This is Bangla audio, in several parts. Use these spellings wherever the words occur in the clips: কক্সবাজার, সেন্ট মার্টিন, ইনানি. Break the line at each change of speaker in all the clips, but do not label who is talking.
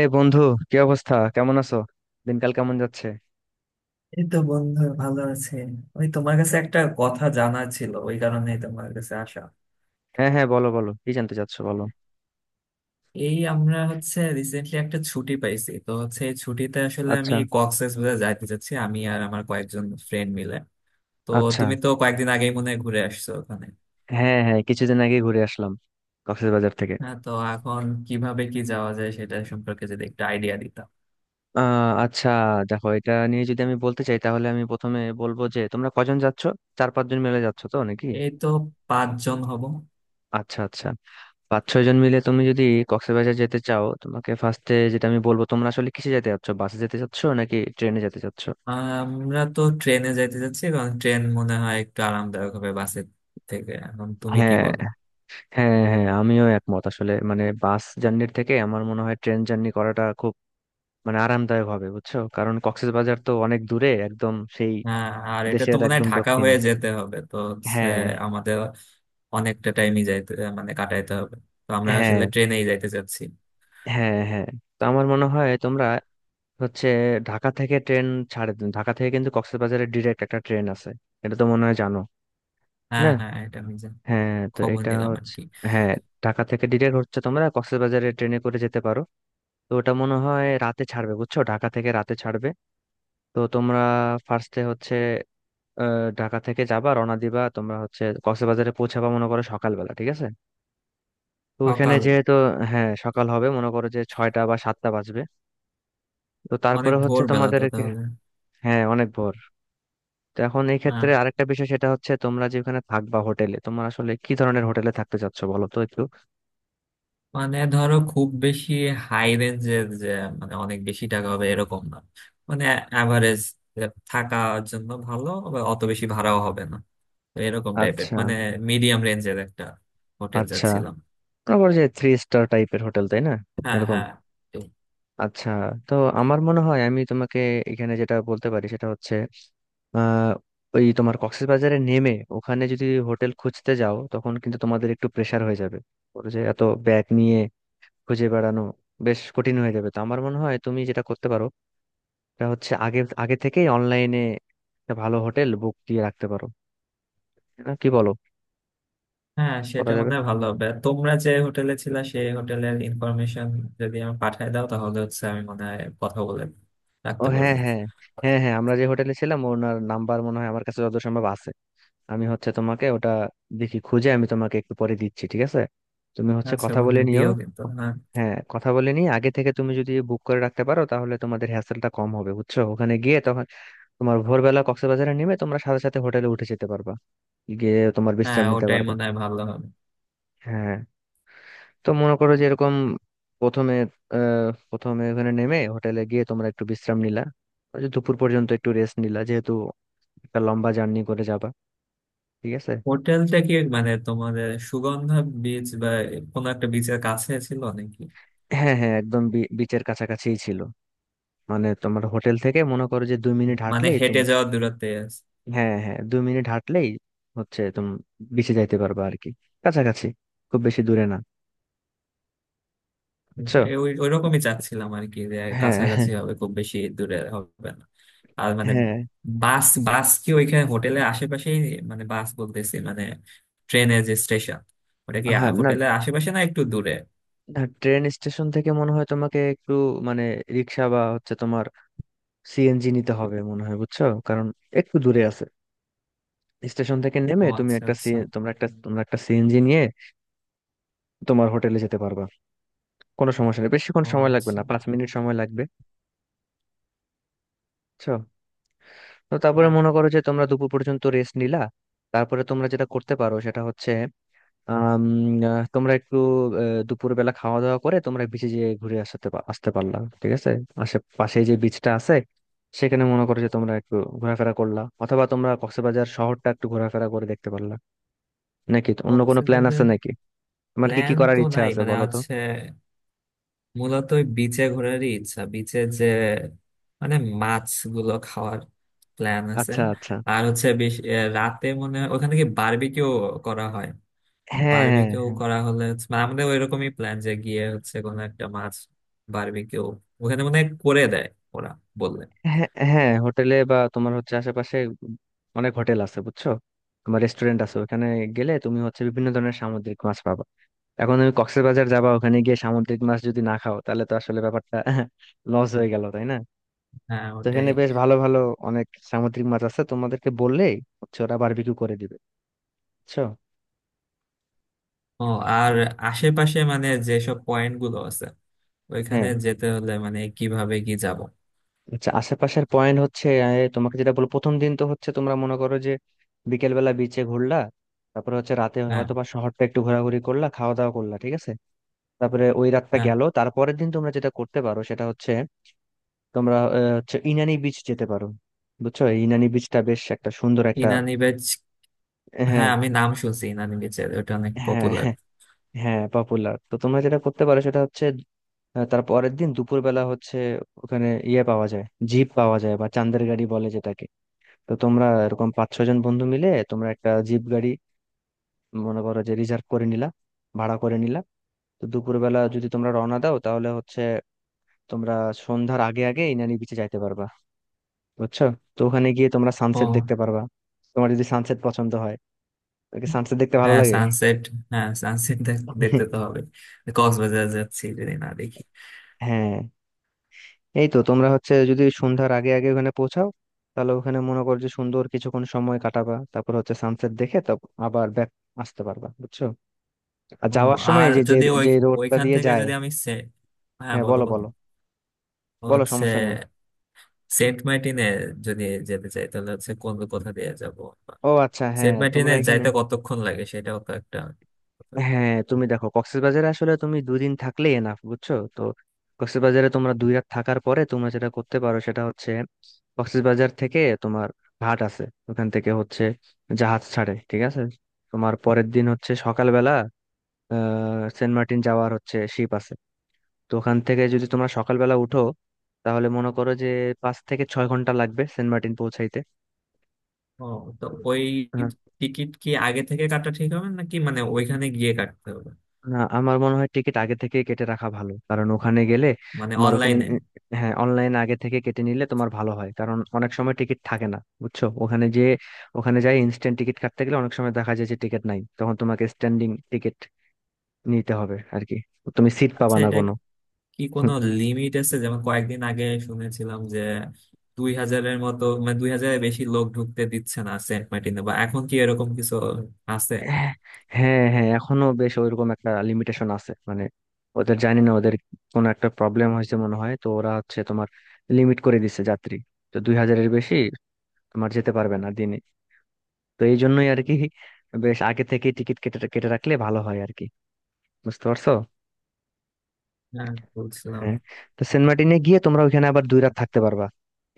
এই বন্ধু, কি অবস্থা? কেমন আছো? দিনকাল কেমন যাচ্ছে?
এই তো বন্ধু ভালো আছে। ওই তোমার কাছে একটা কথা জানা ছিল, ওই কারণেই তোমার কাছে আসা।
হ্যাঁ হ্যাঁ, বলো বলো, কি জানতে চাচ্ছো বলো।
আমরা হচ্ছে রিসেন্টলি একটা ছুটি পাইছি, তো হচ্ছে এই ছুটিতে আসলে আমি
আচ্ছা
কক্সবাজার যাইতে চাচ্ছি, আমি আর আমার কয়েকজন ফ্রেন্ড মিলে। তো
আচ্ছা।
তুমি তো কয়েকদিন আগেই মনে হয় ঘুরে আসছো ওখানে?
হ্যাঁ হ্যাঁ, কিছুদিন আগে ঘুরে আসলাম কক্সবাজার থেকে।
হ্যাঁ, তো এখন কিভাবে কি যাওয়া যায় সেটা সম্পর্কে যদি একটা আইডিয়া দিতাম।
আচ্ছা। দেখো, এটা নিয়ে যদি আমি বলতে চাই তাহলে আমি প্রথমে বলবো যে তোমরা কজন যাচ্ছো? চার পাঁচজন মিলে যাচ্ছো তো নাকি?
এই তো, পাঁচজন হব।
আচ্ছা আচ্ছা। পাঁচ ছয় জন মিলে তুমি যদি কক্সবাজার যেতে চাও, তোমাকে ফার্স্টে যেটা আমি বলবো, তোমরা আসলে কিসে যেতে চাচ্ছো? বাসে যেতে চাচ্ছো নাকি ট্রেনে যেতে চাচ্ছো?
আমরা তো ট্রেনে যাইতে চাচ্ছি, কারণ ট্রেন মনে হয় একটু আরামদায়ক হবে বাসের থেকে। এখন তুমি কি
হ্যাঁ
বলো?
হ্যাঁ হ্যাঁ, আমিও একমত। আসলে মানে বাস জার্নির থেকে আমার মনে হয় ট্রেন জার্নি করাটা খুব মানে আরামদায়ক হবে, বুঝছো? কারণ কক্সবাজার তো অনেক দূরে, একদম সেই
হ্যাঁ, আর এটা
দেশের
তো মনে হয়
একদম
ঢাকা
দক্ষিণে।
হয়ে যেতে হবে, তো হচ্ছে
হ্যাঁ।
আমাদের অনেকটা টাইমই যাইতে মানে কাটাইতে হবে। তো আমরা
হ্যাঁ
আসলে ট্রেনেই যাইতে চাচ্ছি।
হ্যাঁ তো আমার মনে হয় তোমরা হচ্ছে ঢাকা থেকে ট্রেন ছাড়ে, ঢাকা থেকে কিন্তু কক্সবাজারে ডিরেক্ট একটা ট্রেন আছে, এটা তো মনে হয় জানো।
হ্যাঁ
না
হ্যাঁ, এটা আমি
হ্যাঁ, তো
খবর
এটা
নিলাম আর
হচ্ছে
কি।
হ্যাঁ ঢাকা থেকে ডিরেক্ট হচ্ছে তোমরা কক্সবাজারে ট্রেনে করে যেতে পারো। তো ওটা মনে হয় রাতে ছাড়বে, বুঝছো? ঢাকা থেকে রাতে ছাড়বে। তো তোমরা ফার্স্টে হচ্ছে ঢাকা থেকে যাবা, রওনা দিবা, তোমরা হচ্ছে কক্সবাজারে পৌঁছাবা মনে করো সকালবেলা, ঠিক আছে? তো ওখানে
সকাল।
যেহেতু হ্যাঁ সকাল হবে, মনে করো যে 6টা বা 7টা বাজবে। তো
অনেক
তারপরে হচ্ছে
ভোর বেলা তো
তোমাদেরকে
তাহলে।
হ্যাঁ অনেক ভোর। তো এখন এই
হ্যাঁ,
ক্ষেত্রে আরেকটা বিষয় সেটা হচ্ছে তোমরা যে ওখানে থাকবা হোটেলে, তোমরা আসলে কি ধরনের হোটেলে থাকতে চাচ্ছ বলো তো একটু।
মানে ধরো খুব বেশি হাই রেঞ্জের যে মানে অনেক বেশি টাকা হবে এরকম না। মানে অ্যাভারেজ, থাকার জন্য ভালো আবার অত বেশি ভাড়াও হবে না। তো এরকম টাইপের,
আচ্ছা
মানে মিডিয়াম রেঞ্জের একটা হোটেল
আচ্ছা।
যাচ্ছিলাম।
তারপর যে থ্রি স্টার টাইপের হোটেল, তাই না?
হ্যাঁ
এরকম
হ্যাঁ।
আচ্ছা। তো আমার মনে হয় আমি তোমাকে এখানে যেটা বলতে পারি সেটা হচ্ছে আহ ওই তোমার কক্সবাজারে নেমে ওখানে যদি হোটেল খুঁজতে যাও তখন কিন্তু তোমাদের একটু প্রেসার হয়ে যাবে, ওর যে এত ব্যাগ নিয়ে খুঁজে বেড়ানো বেশ কঠিন হয়ে যাবে। তো আমার মনে হয় তুমি যেটা করতে পারো সেটা হচ্ছে আগে আগে থেকেই অনলাইনে একটা ভালো হোটেল বুক দিয়ে রাখতে পারো, না কি বলো?
হ্যাঁ,
করা
সেটা
যাবে।
মনে হয় ভালো হবে। আর তোমরা যে হোটেলে ছিলা সেই হোটেলের ইনফরমেশন যদি আমি পাঠায় দাও তাহলে হচ্ছে আমি মনে হয় কথা বলে
ও
রাখতে
হ্যাঁ
পারবো।
হ্যাঁ। হ্যাঁ আমরা যে হোটেলে ছিলাম ওনার নাম্বার মনে হয় আমার কাছে যত সম্ভব আছে। আমি হচ্ছে তোমাকে ওটা দেখি খুঁজে, আমি তোমাকে একটু পরে দিচ্ছি, ঠিক আছে? তুমি হচ্ছে
আচ্ছা
কথা বলে
বন্ধু,
নিও।
দিও কিন্তু, হ্যাঁ।
হ্যাঁ, কথা বলে নিয়ে আগে থেকে তুমি যদি বুক করে রাখতে পারো তাহলে তোমাদের হ্যাসেলটা কম হবে, বুঝছো? ওখানে গিয়ে তখন তোমার ভোরবেলা কক্সবাজারে নেমে তোমরা সাথে সাথে হোটেলে উঠে যেতে পারবা, গিয়ে তোমার
হ্যাঁ,
বিশ্রাম নিতে
ওটাই
পারবা।
মনে হয় ভালো হবে।
হ্যাঁ। তো মনে করো যে এরকম প্রথমে প্রথমে ওখানে নেমে হোটেলে গিয়ে তোমরা একটু বিশ্রাম নিলা, ওই যে দুপুর পর্যন্ত একটু রেস্ট নিলা, যেহেতু একটা লম্বা জার্নি করে যাবা, ঠিক আছে?
হোটেলটা কি মানে তোমাদের সুগন্ধা বিচ বা কোনো একটা বিচের কাছে ছিল নাকি?
হ্যাঁ হ্যাঁ, একদম বিচের কাছাকাছিই ছিল। মানে তোমার হোটেল থেকে মনে করো যে 2 মিনিট
মানে
হাঁটলেই
হেঁটে
তুমি
যাওয়ার দূরত্বে?
হ্যাঁ হ্যাঁ 2 মিনিট হাঁটলেই হচ্ছে তুমি বিচে যাইতে পারবে আর কি, কাছাকাছি, খুব বেশি দূরে না, বুঝছো?
এ, ওই ওইরকমই চাচ্ছিলাম আর কি, যে
হ্যাঁ হ্যাঁ
কাছাকাছি হবে, খুব বেশি দূরে হবে না। আর মানে
হ্যাঁ
বাস বাস কি ওইখানে হোটেলের আশেপাশেই? মানে বাস বলতেছি, মানে ট্রেনের যে স্টেশন, ওটা কি
হ্যাঁ, না।
হোটেলের আশেপাশে না একটু দূরে?
না, ট্রেন স্টেশন থেকে মনে হয় তোমাকে একটু মানে রিক্সা বা হচ্ছে তোমার সিএনজি নিতে হবে মনে হয়, বুঝছো? কারণ একটু দূরে আছে। স্টেশন থেকে নেমে
ও
তুমি
আচ্ছা
একটা
আচ্ছা।
তোমরা একটা সিএনজি নিয়ে তোমার হোটেলে যেতে পারবা, কোনো সমস্যা নেই, বেশিক্ষণ
ও
সময় লাগবে
আচ্ছা।
না, 5 মিনিট সময় লাগবে, বুঝছো? তো তারপরে
হ্যাঁ।
মনে করো যে তোমরা দুপুর পর্যন্ত রেস্ট নিলা, তারপরে তোমরা যেটা করতে পারো সেটা হচ্ছে আম, তোমরা একটু দুপুর বেলা খাওয়া দাওয়া করে তোমরা বিচে যেয়ে ঘুরে আসতে পারলা, ঠিক আছে? আশেপাশে যে বিচটা আছে সেখানে মনে করো যে তোমরা একটু ঘোরাফেরা করলা, অথবা তোমরা কক্সবাজার শহরটা একটু ঘোরাফেরা করে দেখতে পারলা। নাকি তো অন্য কোনো প্ল্যান আছে
কক্সবাজারের
নাকি? তোমার কি কি
প্ল্যান
করার
তো
ইচ্ছা
নাই,
আছে
মানে
বলো তো।
হচ্ছে মূলত ওই বিচে ঘোরারই ইচ্ছা। বিচে যে মানে মাছগুলো খাওয়ার প্ল্যান আছে।
আচ্ছা আচ্ছা।
আর হচ্ছে বেশ রাতে মনে হয় ওখানে কি বারবিকিউ করা হয়?
হ্যাঁ
বারবিকিউ
হ্যাঁ।
করা হলে হচ্ছে, মানে আমাদের ওইরকমই প্ল্যান, যে গিয়ে হচ্ছে কোনো একটা মাছ বারবিকিউ ওখানে মনে হয় করে দেয় ওরা, বললে।
হ্যাঁ হোটেলে বা তোমার হচ্ছে আশেপাশে অনেক হোটেল আছে বুঝছো, তোমার রেস্টুরেন্ট আছে, ওখানে গেলে তুমি হচ্ছে বিভিন্ন ধরনের সামুদ্রিক মাছ পাবা। এখন তুমি কক্সবাজার যাবা ওখানে গিয়ে সামুদ্রিক মাছ যদি না খাও তাহলে তো আসলে ব্যাপারটা লস হয়ে গেল তাই না?
হ্যাঁ,
তো
ওটাই।
এখানে বেশ ভালো ভালো অনেক সামুদ্রিক মাছ আছে, তোমাদেরকে বললেই হচ্ছে ওরা বারবিকিউ করে দিবে, বুঝছো?
ও। আর আশেপাশে মানে যেসব পয়েন্ট গুলো আছে ওইখানে
হ্যাঁ
যেতে হলে মানে কিভাবে কি যাব?
আচ্ছা, আশেপাশের পয়েন্ট হচ্ছে তোমাকে যেটা বলবো, প্রথম দিন তো হচ্ছে তোমরা মনে করো যে বিকেল বেলা বিচে ঘুরলা, তারপরে হচ্ছে রাতে
হ্যাঁ
হয়তো বা শহরটা একটু ঘোরাঘুরি করলা, খাওয়া দাওয়া করলা, ঠিক আছে? তারপরে ওই রাতটা
হ্যাঁ।
গেল, তারপরের দিন তোমরা যেটা করতে পারো সেটা হচ্ছে তোমরা হচ্ছে ইনানি বিচ যেতে পারো, বুঝছো? এই ইনানি বিচটা বেশ একটা সুন্দর একটা
ইনানি।
হ্যাঁ।
হ্যাঁ, আমি নাম শুনছি ইনানি বিচের, ওটা অনেক
হ্যাঁ
পপুলার।
হ্যাঁ হ্যাঁ পপুলার, তো তোমরা যেটা করতে পারো সেটা হচ্ছে তার পরের দিন দুপুরবেলা হচ্ছে ওখানে ইয়ে পাওয়া যায়, জিপ পাওয়া যায় বা চান্দের গাড়ি বলে যেটাকে। তো তোমরা এরকম পাঁচ ছজন বন্ধু মিলে তোমরা একটা জিপ গাড়ি মনে করো যে রিজার্ভ করে নিলা, ভাড়া করে নিলা। তো দুপুরবেলা যদি তোমরা রওনা দাও তাহলে হচ্ছে তোমরা সন্ধ্যার আগে আগে ইনানি বিচে যাইতে পারবা, বুঝছো? তো ওখানে গিয়ে তোমরা
ও।
সানসেট দেখতে পারবা, তোমার যদি সানসেট পছন্দ হয়, তোকে সানসেট দেখতে ভালো
হ্যাঁ
লাগে।
সানসেট, হ্যাঁ সানসেট দেখতে তো হবে, কক্সবাজার যাচ্ছি যদি না দেখি।
হ্যাঁ, এই তো তোমরা হচ্ছে যদি সন্ধ্যার আগে আগে ওখানে পৌঁছাও তাহলে ওখানে মনে করো যে সুন্দর কিছুক্ষণ সময় কাটাবা, তারপর হচ্ছে সানসেট দেখে তো আবার ব্যাক আসতে পারবা, বুঝছো? আর
ও।
যাওয়ার সময়
আর
এই যে যে
যদি ওই
যে রোডটা
ওইখান
দিয়ে
থেকে
যায়।
যদি আমি সে- হ্যাঁ
হ্যাঁ
বলো
বলো
বলো।
বলো, বলো
হচ্ছে
সমস্যা নেই।
সেন্ট মার্টিনে যদি যেতে চাই তাহলে হচ্ছে কোন কোথা দিয়ে যাব?
ও আচ্ছা, হ্যাঁ
সেন্ট
তোমরা
মার্টিনে
এখানে
যাইতে কতক্ষণ লাগে সেটাও তো একটা কথা।
হ্যাঁ। তুমি দেখো কক্সবাজারে আসলে তুমি দুদিন থাকলে এনাফ, বুঝছো তো? কক্সবাজারে তোমরা 2 রাত থাকার পরে তোমরা যেটা করতে পারো সেটা হচ্ছে কক্সবাজার থেকে তোমার ঘাট আছে, ওখান থেকে হচ্ছে জাহাজ ছাড়ে, ঠিক আছে? তোমার পরের দিন হচ্ছে সকালবেলা সেন্ট মার্টিন যাওয়ার হচ্ছে শিপ আছে। তো ওখান থেকে যদি তোমরা সকালবেলা উঠো তাহলে মনে করো যে 5 থেকে 6 ঘন্টা লাগবে সেন্ট মার্টিন পৌঁছাইতে।
ও। তো ওই
হ্যাঁ?
টিকিট কি আগে থেকে কাটা ঠিক হবে নাকি মানে ওইখানে গিয়ে কাটতে হবে?
না, আমার মনে হয় টিকিট আগে থেকে কেটে রাখা ভালো, কারণ ওখানে গেলে
মানে
তোমার ওখানে
অনলাইনে।
হ্যাঁ অনলাইন আগে থেকে কেটে নিলে তোমার ভালো হয়, কারণ অনেক সময় টিকিট থাকে না, বুঝছো? ওখানে যে ওখানে যাই ইনস্ট্যান্ট টিকিট কাটতে গেলে অনেক সময় দেখা যায় যে টিকিট নাই, তখন তোমাকে স্ট্যান্ডিং টিকিট নিতে হবে আর কি, তুমি সিট পাবা
আচ্ছা,
না
এটা
কোনো।
কি
হুম।
কোনো লিমিট আছে? যেমন কয়েকদিন আগে শুনেছিলাম যে 2,000-এর মতো, মানে 2,000-এর বেশি লোক ঢুকতে দিচ্ছে না সেন্ট মার্টিনে, বা এখন কি এরকম কিছু আছে?
হ্যাঁ হ্যাঁ, এখনো বেশ ওইরকম একটা লিমিটেশন আছে, মানে ওদের জানি না ওদের কোনো একটা প্রবলেম হয়েছে মনে হয়, তো ওরা হচ্ছে তোমার লিমিট করে দিছে যাত্রী, তো 2 হাজারের বেশি তোমার যেতে পারবে না দিনে। তো এই জন্যই আর কি বেশ আগে থেকে টিকিট কেটে কেটে রাখলে ভালো হয় আর কি, বুঝতে পারছো?
হ্যাঁ, বলছিলাম।
হ্যাঁ। তো সেন্ট মার্টিনে গিয়ে তোমরা ওইখানে আবার 2 রাত থাকতে পারবা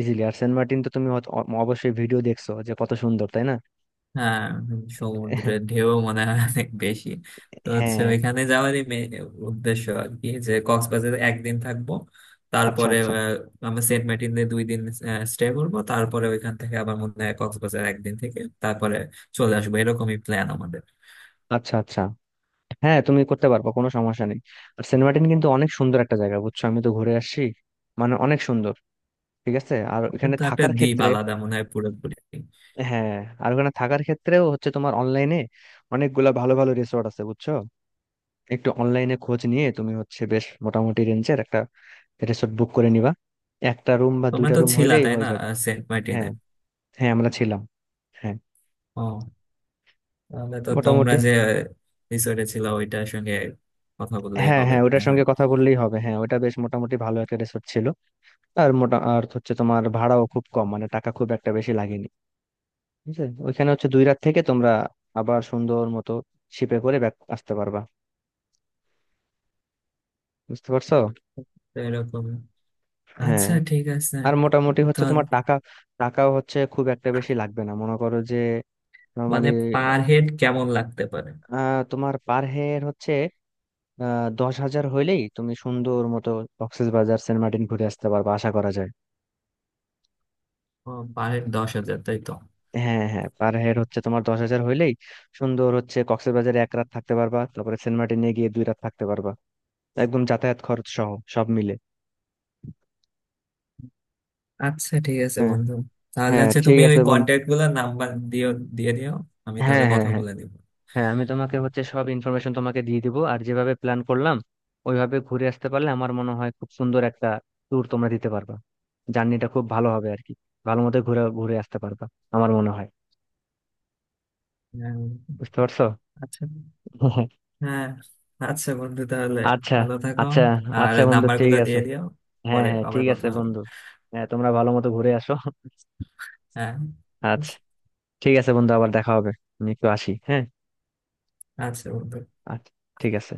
ইজিলি। আর সেন্ট মার্টিন তো তুমি অবশ্যই ভিডিও দেখছো যে কত সুন্দর, তাই না?
হ্যাঁ, সমুদ্রের ঢেউ মনে হয় অনেক বেশি। তো হচ্ছে
হ্যাঁ
ওইখানে যাওয়ারই main উদ্দেশ্য আর কি, যে কক্সবাজারে একদিন থাকবো,
আচ্ছা
তারপরে
আচ্ছা।
আহ, আমরা সেন্ট মার্টিনে দুই দিন স্টে করবো, তারপরে ওইখান থেকে আবার মনে হয় কক্সবাজার একদিন থেকে তারপরে চলে আসবো, এরকমই প্ল্যান আমাদের।
আচ্ছা আচ্ছা, হ্যাঁ তুমি করতে পারবা, কোনো সমস্যা নেই। আর সেন্ট মার্টিন কিন্তু অনেক সুন্দর একটা জায়গা, বুঝছো? আমি তো ঘুরে আসছি, মানে অনেক সুন্দর। ঠিক আছে, আর
ওটা
ওখানে
তো একটা
থাকার
দ্বীপ,
ক্ষেত্রে
আলাদা মনে হয় পুরোপুরি।
হ্যাঁ আর ওখানে থাকার ক্ষেত্রেও হচ্ছে তোমার অনলাইনে অনেকগুলা ভালো ভালো রিসোর্ট আছে, বুঝছো? একটু অনলাইনে খোঁজ নিয়ে তুমি হচ্ছে বেশ মোটামুটি রেঞ্জের একটা রিসোর্ট বুক করে নিবা, একটা রুম বা
তোমরা
দুইটা
তো
রুম
ছিলা
হইলেই
তাই
হয়ে
না
যাবে।
আহ, সেন্ট মার্টিনে?
হ্যাঁ হ্যাঁ আমরা ছিলাম, হ্যাঁ
ও, তাহলে তো তোমরা
মোটামুটি।
যে রিসোর্টে ছিল ওইটার সঙ্গে কথা বললেই
হ্যাঁ
হবে
হ্যাঁ,
মনে
ওটার
হয়।
সঙ্গে কথা বললেই হবে, হ্যাঁ ওটা বেশ মোটামুটি ভালো একটা রিসোর্ট ছিল। আর হচ্ছে তোমার ভাড়াও খুব কম, মানে টাকা খুব একটা বেশি লাগেনি, বুঝলে? ওইখানে হচ্ছে 2 রাত থেকে তোমরা আবার সুন্দর মতো শিপে করে ব্যাক আসতে পারবা, বুঝতে পারছো?
তো এরকম।
হ্যাঁ।
আচ্ছা, ঠিক আছে।
আর মোটামুটি হচ্ছে
ধর
তোমার টাকাও হচ্ছে খুব একটা বেশি লাগবে না, মনে করো যে
মানে
নর্মালি
পার হেড কেমন লাগতে পারে?
তোমার পার হেড হচ্ছে 10 হাজার হইলেই তুমি সুন্দর মতো কক্সবাজার সেন্ট মার্টিন ঘুরে আসতে পারবে আশা করা যায়।
ও, পার হেড 10,000 তাই তো?
হ্যাঁ হ্যাঁ পার হেড হচ্ছে তোমার 10 হাজার হইলেই সুন্দর হচ্ছে কক্সবাজারে 1 রাত থাকতে পারবা, তারপরে সেন্ট মার্টিনে গিয়ে 2 রাত থাকতে পারবা একদম যাতায়াত খরচ সহ সব মিলে।
আচ্ছা ঠিক আছে
হ্যাঁ
বন্ধু, তাহলে
হ্যাঁ
হচ্ছে
ঠিক
তুমি ওই
আছে বন্ধু।
কন্ট্যাক্ট গুলোর নাম্বার দিও, দিয়ে দিও। আমি তাহলে
হ্যাঁ হ্যাঁ
কথা
হ্যাঁ
বলে দিব।
হ্যাঁ আমি তোমাকে হচ্ছে সব ইনফরমেশন তোমাকে দিয়ে দিব, আর যেভাবে প্ল্যান করলাম ওইভাবে ঘুরে আসতে পারলে আমার মনে হয় খুব সুন্দর একটা ট্যুর তোমরা দিতে পারবা, জার্নিটা খুব ভালো হবে আর কি, ভালো মতো ঘুরে ঘুরে আসতে পারবা আমার মনে হয়,
হ্যাঁ।
বুঝতে পারছো?
আচ্ছা। হ্যাঁ। আচ্ছা বন্ধু, তাহলে
আচ্ছা
ভালো থাকো।
আচ্ছা।
আর
আচ্ছা বন্ধু
নাম্বার
ঠিক
গুলো
আছে,
দিয়ে দিও।
হ্যাঁ
পরে
হ্যাঁ
আবার
ঠিক
কথা
আছে
হবে।
বন্ধু। হ্যাঁ তোমরা ভালো মতো ঘুরে আসো।
হ্যাঁ।
আচ্ছা,
আচ্ছা।
ঠিক আছে বন্ধু, আবার দেখা হবে। আমি একটু আসি, হ্যাঁ
আচ্ছা বন্ধু।
আচ্ছা, ঠিক আছে।